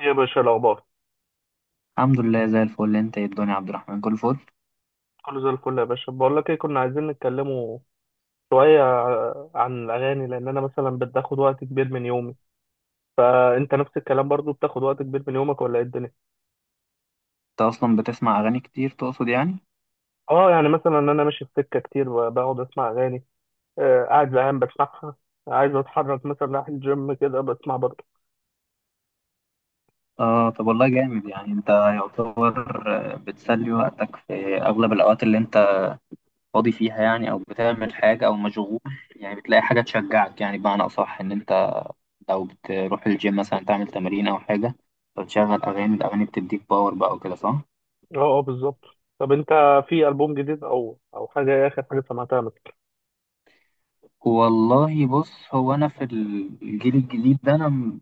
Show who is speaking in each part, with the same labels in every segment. Speaker 1: يا باشا الأخبار
Speaker 2: الحمد لله زي الفل. انت ايه الدنيا يا عبد الرحمن؟ كل فل.
Speaker 1: كله زي الفل يا باشا. بقول لك إيه، كنا عايزين نتكلموا شوية عن الأغاني، لأن أنا مثلا بتاخد وقت كبير من يومي، فأنت نفس الكلام برضو بتاخد وقت كبير من يومك، ولا إيه الدنيا؟
Speaker 2: انت اصلا بتسمع اغاني كتير تقصد يعني؟
Speaker 1: أه يعني مثلا أنا ماشي في سكة كتير بقعد أسمع أغاني. قاعد زهقان بسمعها. عايز أتحرك مثلا، رايح الجيم كده بسمع برضو.
Speaker 2: اه طب والله جامد. يعني انت يعتبر بتسلي وقتك في اغلب الاوقات اللي انت فاضي فيها يعني، او بتعمل حاجه او مشغول يعني، بتلاقي حاجه تشجعك. يعني بمعنى اصح ان انت لو بتروح الجيم مثلا تعمل تمارين او حاجه فتشغل اغاني، الاغاني بتديك باور بقى وكده، صح؟
Speaker 1: أه أه، بالظبط. طب أنت، في ألبوم جديد أو حاجة، إيه آخر حاجة سمعتها مثلا؟
Speaker 2: والله بص، هو انا في الجيل الجديد ده انا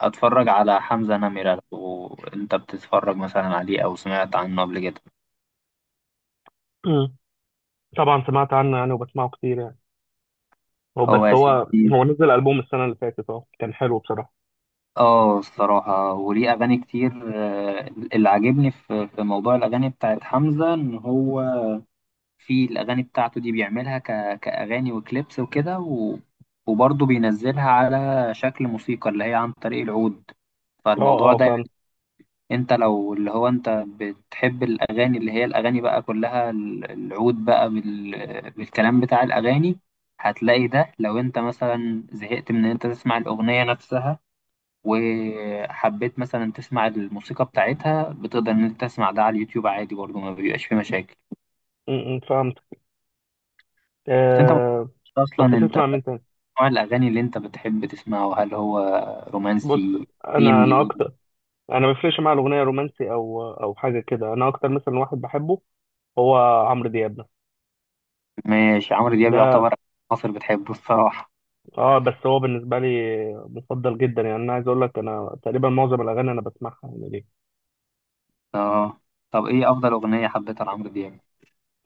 Speaker 2: اتفرج على حمزة نمرة. لو انت بتتفرج مثلا عليه او سمعت عنه قبل كده.
Speaker 1: مم. طبعا سمعت عنه يعني، وبسمعه كتير يعني. هو
Speaker 2: هو
Speaker 1: بس
Speaker 2: يا
Speaker 1: هو
Speaker 2: سيدي.
Speaker 1: هو نزل ألبوم السنة اللي فاتت، كان حلو بصراحة.
Speaker 2: اه الصراحة، وليه اغاني كتير. اللي عاجبني في موضوع الاغاني بتاعت حمزة ان هو في الاغاني بتاعته دي بيعملها كاغاني وكليبس وكده، وبرضه بينزلها على شكل موسيقى اللي هي عن طريق العود.
Speaker 1: اه
Speaker 2: فالموضوع
Speaker 1: اه،
Speaker 2: ده
Speaker 1: فهمت.
Speaker 2: انت لو اللي هو انت بتحب الاغاني اللي هي الاغاني بقى كلها العود بقى بالكلام بتاع الاغاني، هتلاقي ده لو انت مثلا زهقت من ان انت تسمع الاغنية نفسها وحبيت مثلا تسمع الموسيقى بتاعتها، بتقدر ان انت تسمع ده على اليوتيوب عادي برضو، ما بيبقاش فيه مشاكل.
Speaker 1: م- م، فهمت.
Speaker 2: بس انت ما
Speaker 1: آه
Speaker 2: تعرفش اصلا
Speaker 1: طب
Speaker 2: انت
Speaker 1: بتسمع مين تاني؟
Speaker 2: نوع الاغاني اللي انت بتحب تسمعه، هل هو
Speaker 1: بص،
Speaker 2: رومانسي، قديم،
Speaker 1: انا
Speaker 2: جديد؟
Speaker 1: اكتر، انا ما بيفرقش معايا الاغنيه رومانسي او حاجه كده. انا اكتر مثلا واحد بحبه هو عمرو دياب ده
Speaker 2: ماشي، عمرو دياب
Speaker 1: ده
Speaker 2: يعتبر مصر بتحبه الصراحة.
Speaker 1: اه بس هو بالنسبه لي مفضل جدا يعني. انا عايز اقول لك انا تقريبا معظم الاغاني انا بسمعها يعني ليه.
Speaker 2: اه طب ايه افضل اغنيه حبيتها لعمرو دياب؟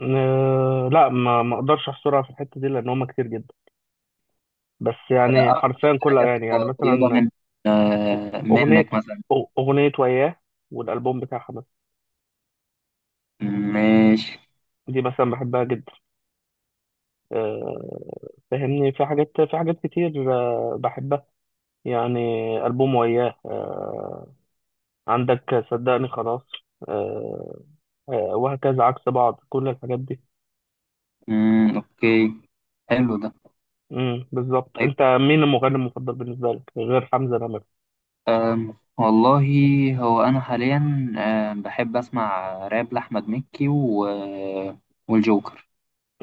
Speaker 1: لا، ما اقدرش احصرها في الحته دي لان هم كتير جدا. بس يعني
Speaker 2: اكتر
Speaker 1: حرفيا كل
Speaker 2: حاجه
Speaker 1: اغاني يعني.
Speaker 2: قريبه
Speaker 1: مثلا
Speaker 2: من آه
Speaker 1: اغنيه
Speaker 2: منك مثلا.
Speaker 1: اغنيه وياه، والالبوم بتاعها مثلا
Speaker 2: ماشي.
Speaker 1: دي مثلا بحبها جدا. آه، فاهمني، في حاجات في حاجات كتير بحبها يعني. ألبوم وياه، عندك صدقني خلاص، آه، وهكذا عكس بعض كل الحاجات دي.
Speaker 2: مم. اوكي، حلو ده.
Speaker 1: بالظبط.
Speaker 2: طيب
Speaker 1: انت مين المغني المفضل بالنسبه لك غير حمزة نمرة؟
Speaker 2: والله، هو انا حاليا بحب اسمع راب لاحمد مكي و... آه، والجوكر.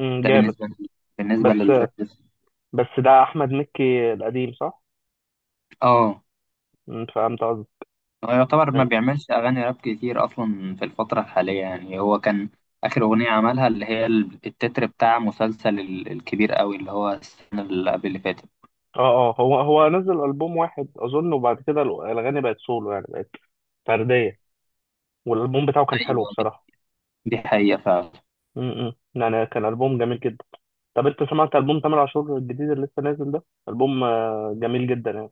Speaker 1: امم،
Speaker 2: ده
Speaker 1: جامد.
Speaker 2: بالنسبه لي، بالنسبه للراب.
Speaker 1: بس بس ده احمد مكي القديم، صح؟
Speaker 2: اه،
Speaker 1: فهمت قصدي.
Speaker 2: هو يعتبر ما
Speaker 1: اه
Speaker 2: بيعملش أغاني راب كتير أصلا في الفترة الحالية. يعني هو كان آخر أغنية عملها اللي هي التتر بتاع مسلسل الكبير قوي اللي هو السنة اللي قبل اللي فاتت.
Speaker 1: اه، هو نزل ألبوم واحد اظن، وبعد كده الأغاني بقت سولو، يعني بقت فردية. والألبوم بتاعه كان حلو
Speaker 2: أيوة، دي
Speaker 1: بصراحة.
Speaker 2: دي حقيقة فعلا.
Speaker 1: يعني كان ألبوم جميل جدا. طب أنت سمعت ألبوم تامر عاشور الجديد اللي لسه نازل ده؟ ألبوم جميل جدا يعني.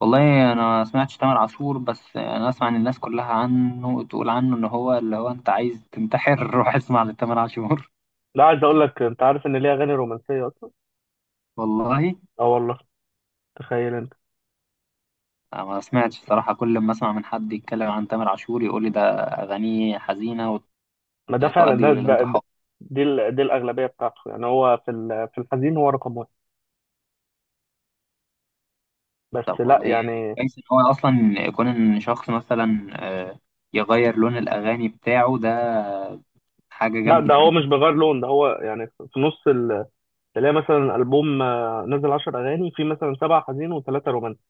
Speaker 2: والله أنا ما سمعتش تامر عاشور، بس أنا أسمع إن الناس كلها عنه تقول عنه إن هو اللي هو أنت عايز تنتحر روح اسمع لتامر عاشور.
Speaker 1: لا، عايز أقول لك، أنت عارف إن ليه أغاني رومانسية أصلا؟
Speaker 2: والله
Speaker 1: أه والله، تخيل أنت.
Speaker 2: أنا ما سمعتش صراحة، كل ما أسمع من حد يتكلم عن تامر عاشور يقول لي ده أغانيه حزينة
Speaker 1: ما ده فعلا
Speaker 2: وتؤدي
Speaker 1: ده.
Speaker 2: للانتحار.
Speaker 1: دي الأغلبية بتاعته يعني. هو في الحزين هو رقم واحد. بس
Speaker 2: طب
Speaker 1: لا
Speaker 2: والله يعني
Speaker 1: يعني.
Speaker 2: كويس ان هو اصلا يكون ان شخص مثلا يغير لون الاغاني بتاعه ده، حاجه
Speaker 1: لا، ده
Speaker 2: جامده ان
Speaker 1: هو
Speaker 2: انت.
Speaker 1: مش بيغير لون، ده هو يعني في نص تلاقي مثلا ألبوم نزل 10 أغاني، في مثلا سبعة حزين وثلاثة رومانسي.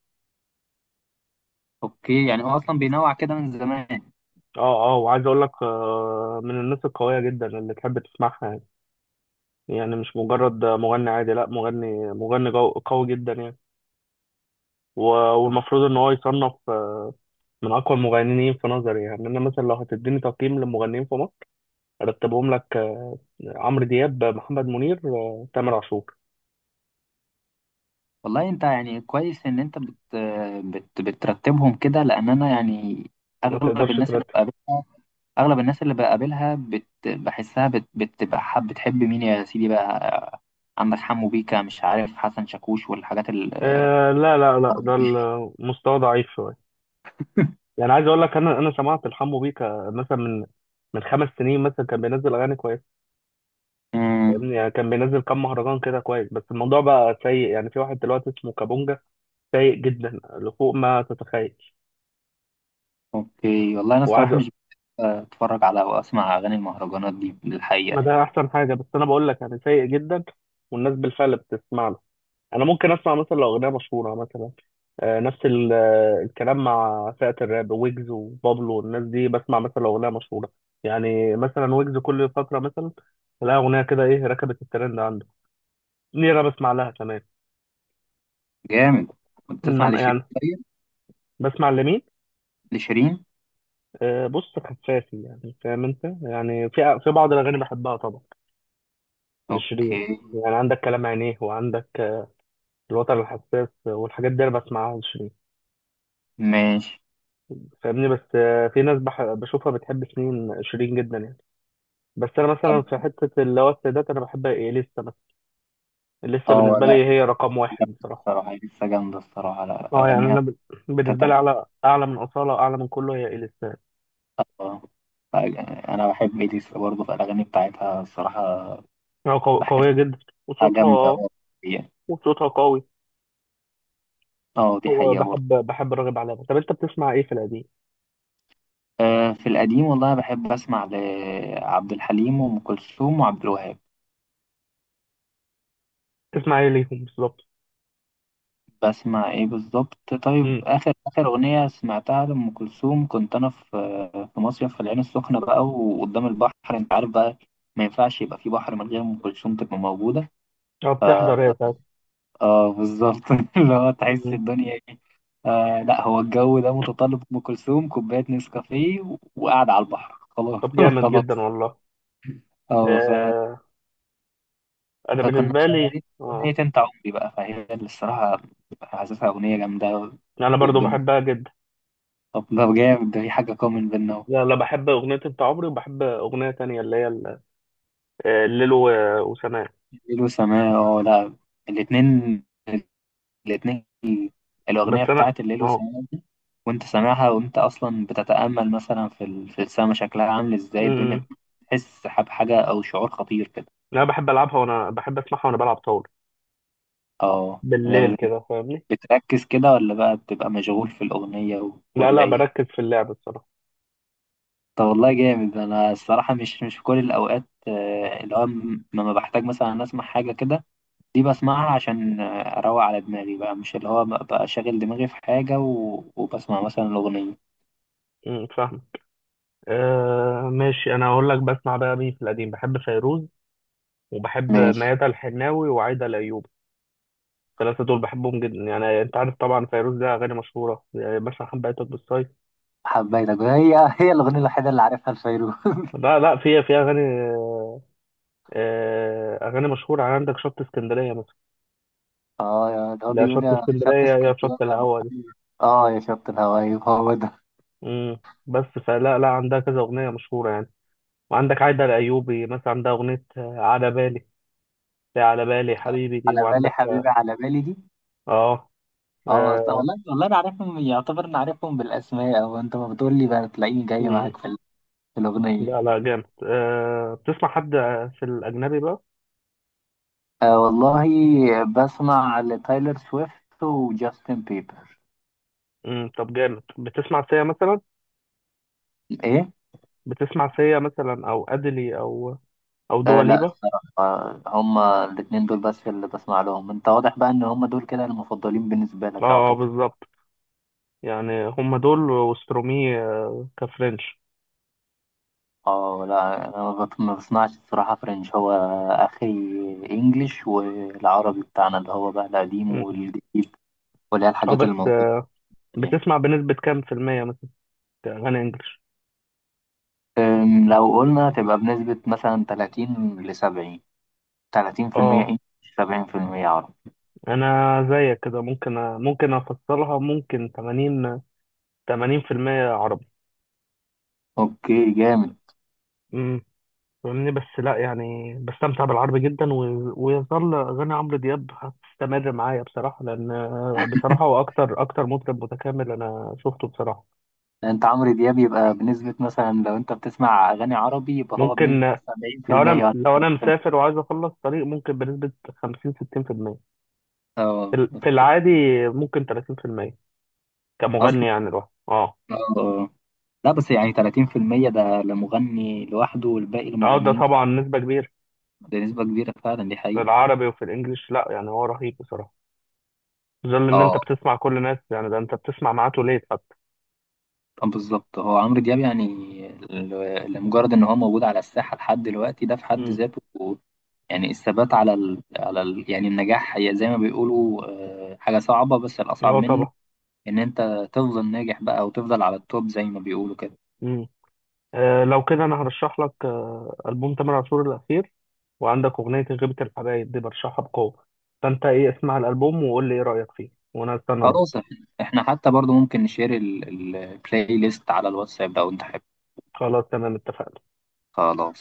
Speaker 2: اوكي، يعني هو اصلا بينوع كده من زمان.
Speaker 1: أه أه. وعايز أقول لك من الناس القوية جدا اللي تحب تسمعها يعني. يعني مش مجرد مغني عادي، لا، قوي جدا يعني. و-
Speaker 2: طب
Speaker 1: والمفروض ان هو يصنف من اقوى المغنيين في نظري يعني. انا مثلا لو هتديني تقييم للمغنيين في مصر، ارتبهم لك: عمرو دياب، محمد منير، تامر عاشور.
Speaker 2: والله انت يعني كويس ان انت بت بترتبهم كده، لان انا يعني
Speaker 1: ما
Speaker 2: اغلب
Speaker 1: تقدرش
Speaker 2: الناس اللي
Speaker 1: ترتب.
Speaker 2: بقابلها، اغلب الناس اللي بقابلها بحسها بتبقى حب، بتحب مين يا سيدي بقى؟ عندك حمو بيكا، مش عارف حسن شاكوش والحاجات ال
Speaker 1: لا لا لا، ده المستوى ضعيف شويه. يعني عايز اقول لك، انا سمعت الحمو بيكا مثلا من خمس سنين. مثلا كان بينزل اغاني كويسه، فاهمني؟ يعني كان بينزل كام مهرجان كده كويس، بس الموضوع بقى سيء يعني. في واحد دلوقتي اسمه كابونجا سيء جدا لفوق ما تتخيل.
Speaker 2: اوكي، والله انا
Speaker 1: وعايز
Speaker 2: الصراحه
Speaker 1: أ-
Speaker 2: مش اتفرج على او اسمع اغاني المهرجانات دي للحقيقه
Speaker 1: ما
Speaker 2: يعني.
Speaker 1: ده احسن حاجه، بس انا بقول لك يعني سيء جدا، والناس بالفعل بتسمع له. انا ممكن اسمع مثلا لو اغنيه مشهوره، مثلا نفس الكلام مع فئه الراب، ويجز وبابلو والناس دي. بسمع مثلا لو اغنيه مشهوره. يعني مثلا ويجز كل فتره مثلا تلاقي اغنيه كده ايه ركبت الترند عنده، دي انا بسمع لها كمان.
Speaker 2: جامد. كنت تسمع
Speaker 1: انما
Speaker 2: لشيرين؟
Speaker 1: يعني
Speaker 2: طيب.
Speaker 1: بسمع لمين؟
Speaker 2: لشيرين.
Speaker 1: بص خفافي يعني، فاهم انت؟ يعني في بعض الاغاني بحبها طبعا لشيرين.
Speaker 2: اوكي.
Speaker 1: يعني عندك كلام عينيه، وعندك الوتر الحساس، والحاجات دي انا بسمعها لشيرين.
Speaker 2: ماشي.
Speaker 1: فاهمني؟ بس في ناس بشوفها بتحب شيرين شيرين جدا يعني. بس انا مثلا
Speaker 2: طب
Speaker 1: في حته اللي هو السيدات، انا بحب إيه لسه مثلا؟ لسه
Speaker 2: اه
Speaker 1: بالنسبه
Speaker 2: لا،
Speaker 1: لي هي رقم واحد
Speaker 2: جامدة
Speaker 1: بصراحه.
Speaker 2: الصراحه، هي لسه جامده الصراحه، لا
Speaker 1: اه يعني
Speaker 2: اغانيها
Speaker 1: انا
Speaker 2: في حته
Speaker 1: بالنسبه لي،
Speaker 2: تانية.
Speaker 1: اعلى اعلى من اصاله، اعلى من كله، هي اليسا.
Speaker 2: آه. ف- انا بحب اليسا برضه، في الاغاني بتاعتها الصراحه
Speaker 1: هي قويه
Speaker 2: بحسها
Speaker 1: جدا، وصوتها
Speaker 2: جامده أوي يعني.
Speaker 1: وصوتها قوي.
Speaker 2: اه دي
Speaker 1: هو
Speaker 2: حقيقه برضه.
Speaker 1: بحب راغب علامه. طب انت بتسمع ايه في القديم؟
Speaker 2: آه في القديم والله بحب اسمع لعبد الحليم وام كلثوم وعبد الوهاب.
Speaker 1: بتسمع ايه ليهم بالظبط؟
Speaker 2: بسمع ايه بالظبط؟ طيب،
Speaker 1: امم.
Speaker 2: اخر اغنيه سمعتها لام كلثوم، كنت انا في مصيف في العين السخنه بقى، وقدام البحر انت عارف بقى، ما ينفعش يبقى في بحر من غير ام كلثوم تبقى موجوده.
Speaker 1: اه
Speaker 2: ف
Speaker 1: بتحضر هي
Speaker 2: اه بالظبط اللي هو تحس
Speaker 1: ساعات.
Speaker 2: الدنيا ايه. آه لا، هو الجو ده متطلب ام كلثوم، كوبايه نسكافيه، وقاعد على البحر، خلاص
Speaker 1: طب جامد جدا
Speaker 2: خلاص.
Speaker 1: والله.
Speaker 2: اه
Speaker 1: آه انا
Speaker 2: فكنا
Speaker 1: بالنسبه لي،
Speaker 2: شغالين اغنيه
Speaker 1: اه
Speaker 2: انت عمري بقى، فهي اللي الصراحه حاسسها اغنيه جامده
Speaker 1: يعني انا برضو
Speaker 2: والدنيا.
Speaker 1: بحبها جدا.
Speaker 2: طب ده جامد، ده في حاجة كومن بينا اهو.
Speaker 1: لا لا، بحب اغنيه انت عمري، وبحب اغنيه تانية اللي هي الليل وسماء.
Speaker 2: ليل وسماء، اه لا الاتنين، الاتنين.
Speaker 1: بس
Speaker 2: الأغنية
Speaker 1: انا
Speaker 2: بتاعت الليل
Speaker 1: اه
Speaker 2: وسماء دي، وأنت سامعها وأنت أصلا بتتأمل مثلا في السما شكلها عامل إزاي الدنيا،
Speaker 1: أمم.
Speaker 2: بتحس بحاجة أو شعور خطير كده.
Speaker 1: انا بحب العبها، وانا بحب اسمعها وانا بلعب طاوله
Speaker 2: اه
Speaker 1: بالليل
Speaker 2: ده
Speaker 1: كده، فاهمني؟
Speaker 2: بتركز كده، ولا بقى بتبقى مشغول في الأغنية
Speaker 1: لا
Speaker 2: ولا
Speaker 1: لا،
Speaker 2: إيه؟
Speaker 1: بركز في اللعب الصراحه.
Speaker 2: طب والله جامد. أنا الصراحة مش في كل الأوقات، اللي هو لما بحتاج مثلا أسمع حاجة كده دي بسمعها عشان اروق على دماغي بقى، مش اللي هو بقى شاغل دماغي في حاجة وبسمع مثلا الأغنية.
Speaker 1: فاهم. ماشي. انا هقول لك بسمع بقى مين في القديم: بحب فيروز، وبحب
Speaker 2: ماشي.
Speaker 1: ميادة الحناوي وعايدة الايوبي. الثلاثة دول بحبهم جدا يعني. أنت عارف طبعا فيروز لها أغاني مشهورة، يعني مثلا حبيتك بالصيف.
Speaker 2: حبيتك، هي هي الأغنية الوحيدة اللي عارفها لفيروز.
Speaker 1: لا لا، في أغاني أغاني مشهورة يعني. عندك شط اسكندرية مثلا.
Speaker 2: اه ده هو
Speaker 1: لا،
Speaker 2: بيقول
Speaker 1: شط
Speaker 2: يا
Speaker 1: اسكندرية،
Speaker 2: شط
Speaker 1: يا
Speaker 2: اسكندرية
Speaker 1: شط
Speaker 2: يا
Speaker 1: الهوا دي.
Speaker 2: بحر. اه يا شط الهوايب هو ده.
Speaker 1: مم. بس فلا لا، عندها كذا أغنية مشهورة يعني. وعندك عايدة الأيوبي مثلا، عندها أغنية على بالي. لا، على بالي حبيبي دي،
Speaker 2: على بالي
Speaker 1: وعندك
Speaker 2: حبيبي، على بالي دي.
Speaker 1: آه
Speaker 2: اه طب
Speaker 1: آه،
Speaker 2: والله والله انا عارفهم يعتبر، انا عارفهم بالاسماء، او انت ما بتقول لي بقى تلاقيني جاي
Speaker 1: مم.
Speaker 2: معاك في الاغنيه.
Speaker 1: لا لا، جامد. بتسمع حد في الأجنبي بقى؟
Speaker 2: آه والله بسمع لتايلر سويفت وجاستن بيبر.
Speaker 1: مم. طب جامد. بتسمع سيا مثلا؟
Speaker 2: ايه؟
Speaker 1: بتسمع سيا مثلا، او ادلي، او
Speaker 2: لا
Speaker 1: دواليبا.
Speaker 2: هما الاتنين دول بس اللي بسمع لهم. انت واضح بقى ان هما دول كده المفضلين بالنسبة لك يعتبر.
Speaker 1: بالظبط. يعني هم دول وسترومي كفرنش.
Speaker 2: اه لا انا ما بسمعش الصراحة فرنش، هو اخري انجليش والعربي بتاعنا اللي هو بقى القديم
Speaker 1: مم.
Speaker 2: والجديد واللي هي
Speaker 1: اه
Speaker 2: الحاجات اللي
Speaker 1: بس
Speaker 2: موجودة دي.
Speaker 1: بتسمع بنسبة كام في المية مثلا اغاني انجلش؟
Speaker 2: لو قلنا تبقى بنسبة مثلا 30 ل 70، 30%
Speaker 1: اه
Speaker 2: انجليش، 70% عربي.
Speaker 1: انا زيك كده، ممكن ممكن افصلها، ممكن 80، 80 في المية عربي.
Speaker 2: اوكي جامد.
Speaker 1: امم فاهمني؟ بس لا يعني، بستمتع بالعربي جدا. ويظل اغاني عمرو دياب هتستمر معايا بصراحة، لان بصراحة هو اكتر اكتر مطرب متكامل انا شفته بصراحة.
Speaker 2: انت عمرو دياب يبقى بنسبة مثلا، لو انت بتسمع اغاني عربي يبقى هو
Speaker 1: ممكن،
Speaker 2: بنسبة 70% ولا
Speaker 1: لو انا
Speaker 2: 30%؟
Speaker 1: مسافر وعايز اخلص طريق، ممكن بنسبة 50، 60% في المية،
Speaker 2: اه
Speaker 1: في العادي ممكن 30%،
Speaker 2: اصلا،
Speaker 1: كمغني يعني لوحده. اه
Speaker 2: آه، لا بس يعني 30% ده لمغني لوحده والباقي
Speaker 1: اه، ده
Speaker 2: لمغنيين،
Speaker 1: طبعا نسبة كبيرة
Speaker 2: ده نسبة كبيرة فعلا، دي
Speaker 1: في
Speaker 2: حقيقة.
Speaker 1: العربي وفي الانجليش. لا يعني هو رهيب بصراحة، في ظل ان
Speaker 2: اه
Speaker 1: انت بتسمع كل الناس. يعني ده انت بتسمع معاه ليت حتى.
Speaker 2: بالظبط، هو عمرو دياب يعني، لمجرد ان هو موجود على الساحة لحد دلوقتي ده في حد
Speaker 1: امم
Speaker 2: ذاته يعني الثبات على يعني النجاح، هي زي ما بيقولوا حاجة صعبة، بس الأصعب
Speaker 1: اه
Speaker 2: منه
Speaker 1: طبعا.
Speaker 2: ان انت تفضل ناجح بقى وتفضل على التوب زي ما بيقولوا كده.
Speaker 1: امم لو كده انا هرشح لك البوم تامر عاشور الاخير، وعندك اغنية غيبة الحبايب دي برشحها بقوة. فانت ايه، اسمع الالبوم وقول لي ايه رأيك فيه، وانا استنى
Speaker 2: خلاص،
Speaker 1: رأيك.
Speaker 2: احنا إحنا حتى برضو ممكن نشير البلاي ليست على الواتساب لو انت حابب.
Speaker 1: خلاص تمام، اتفقنا.
Speaker 2: خلاص.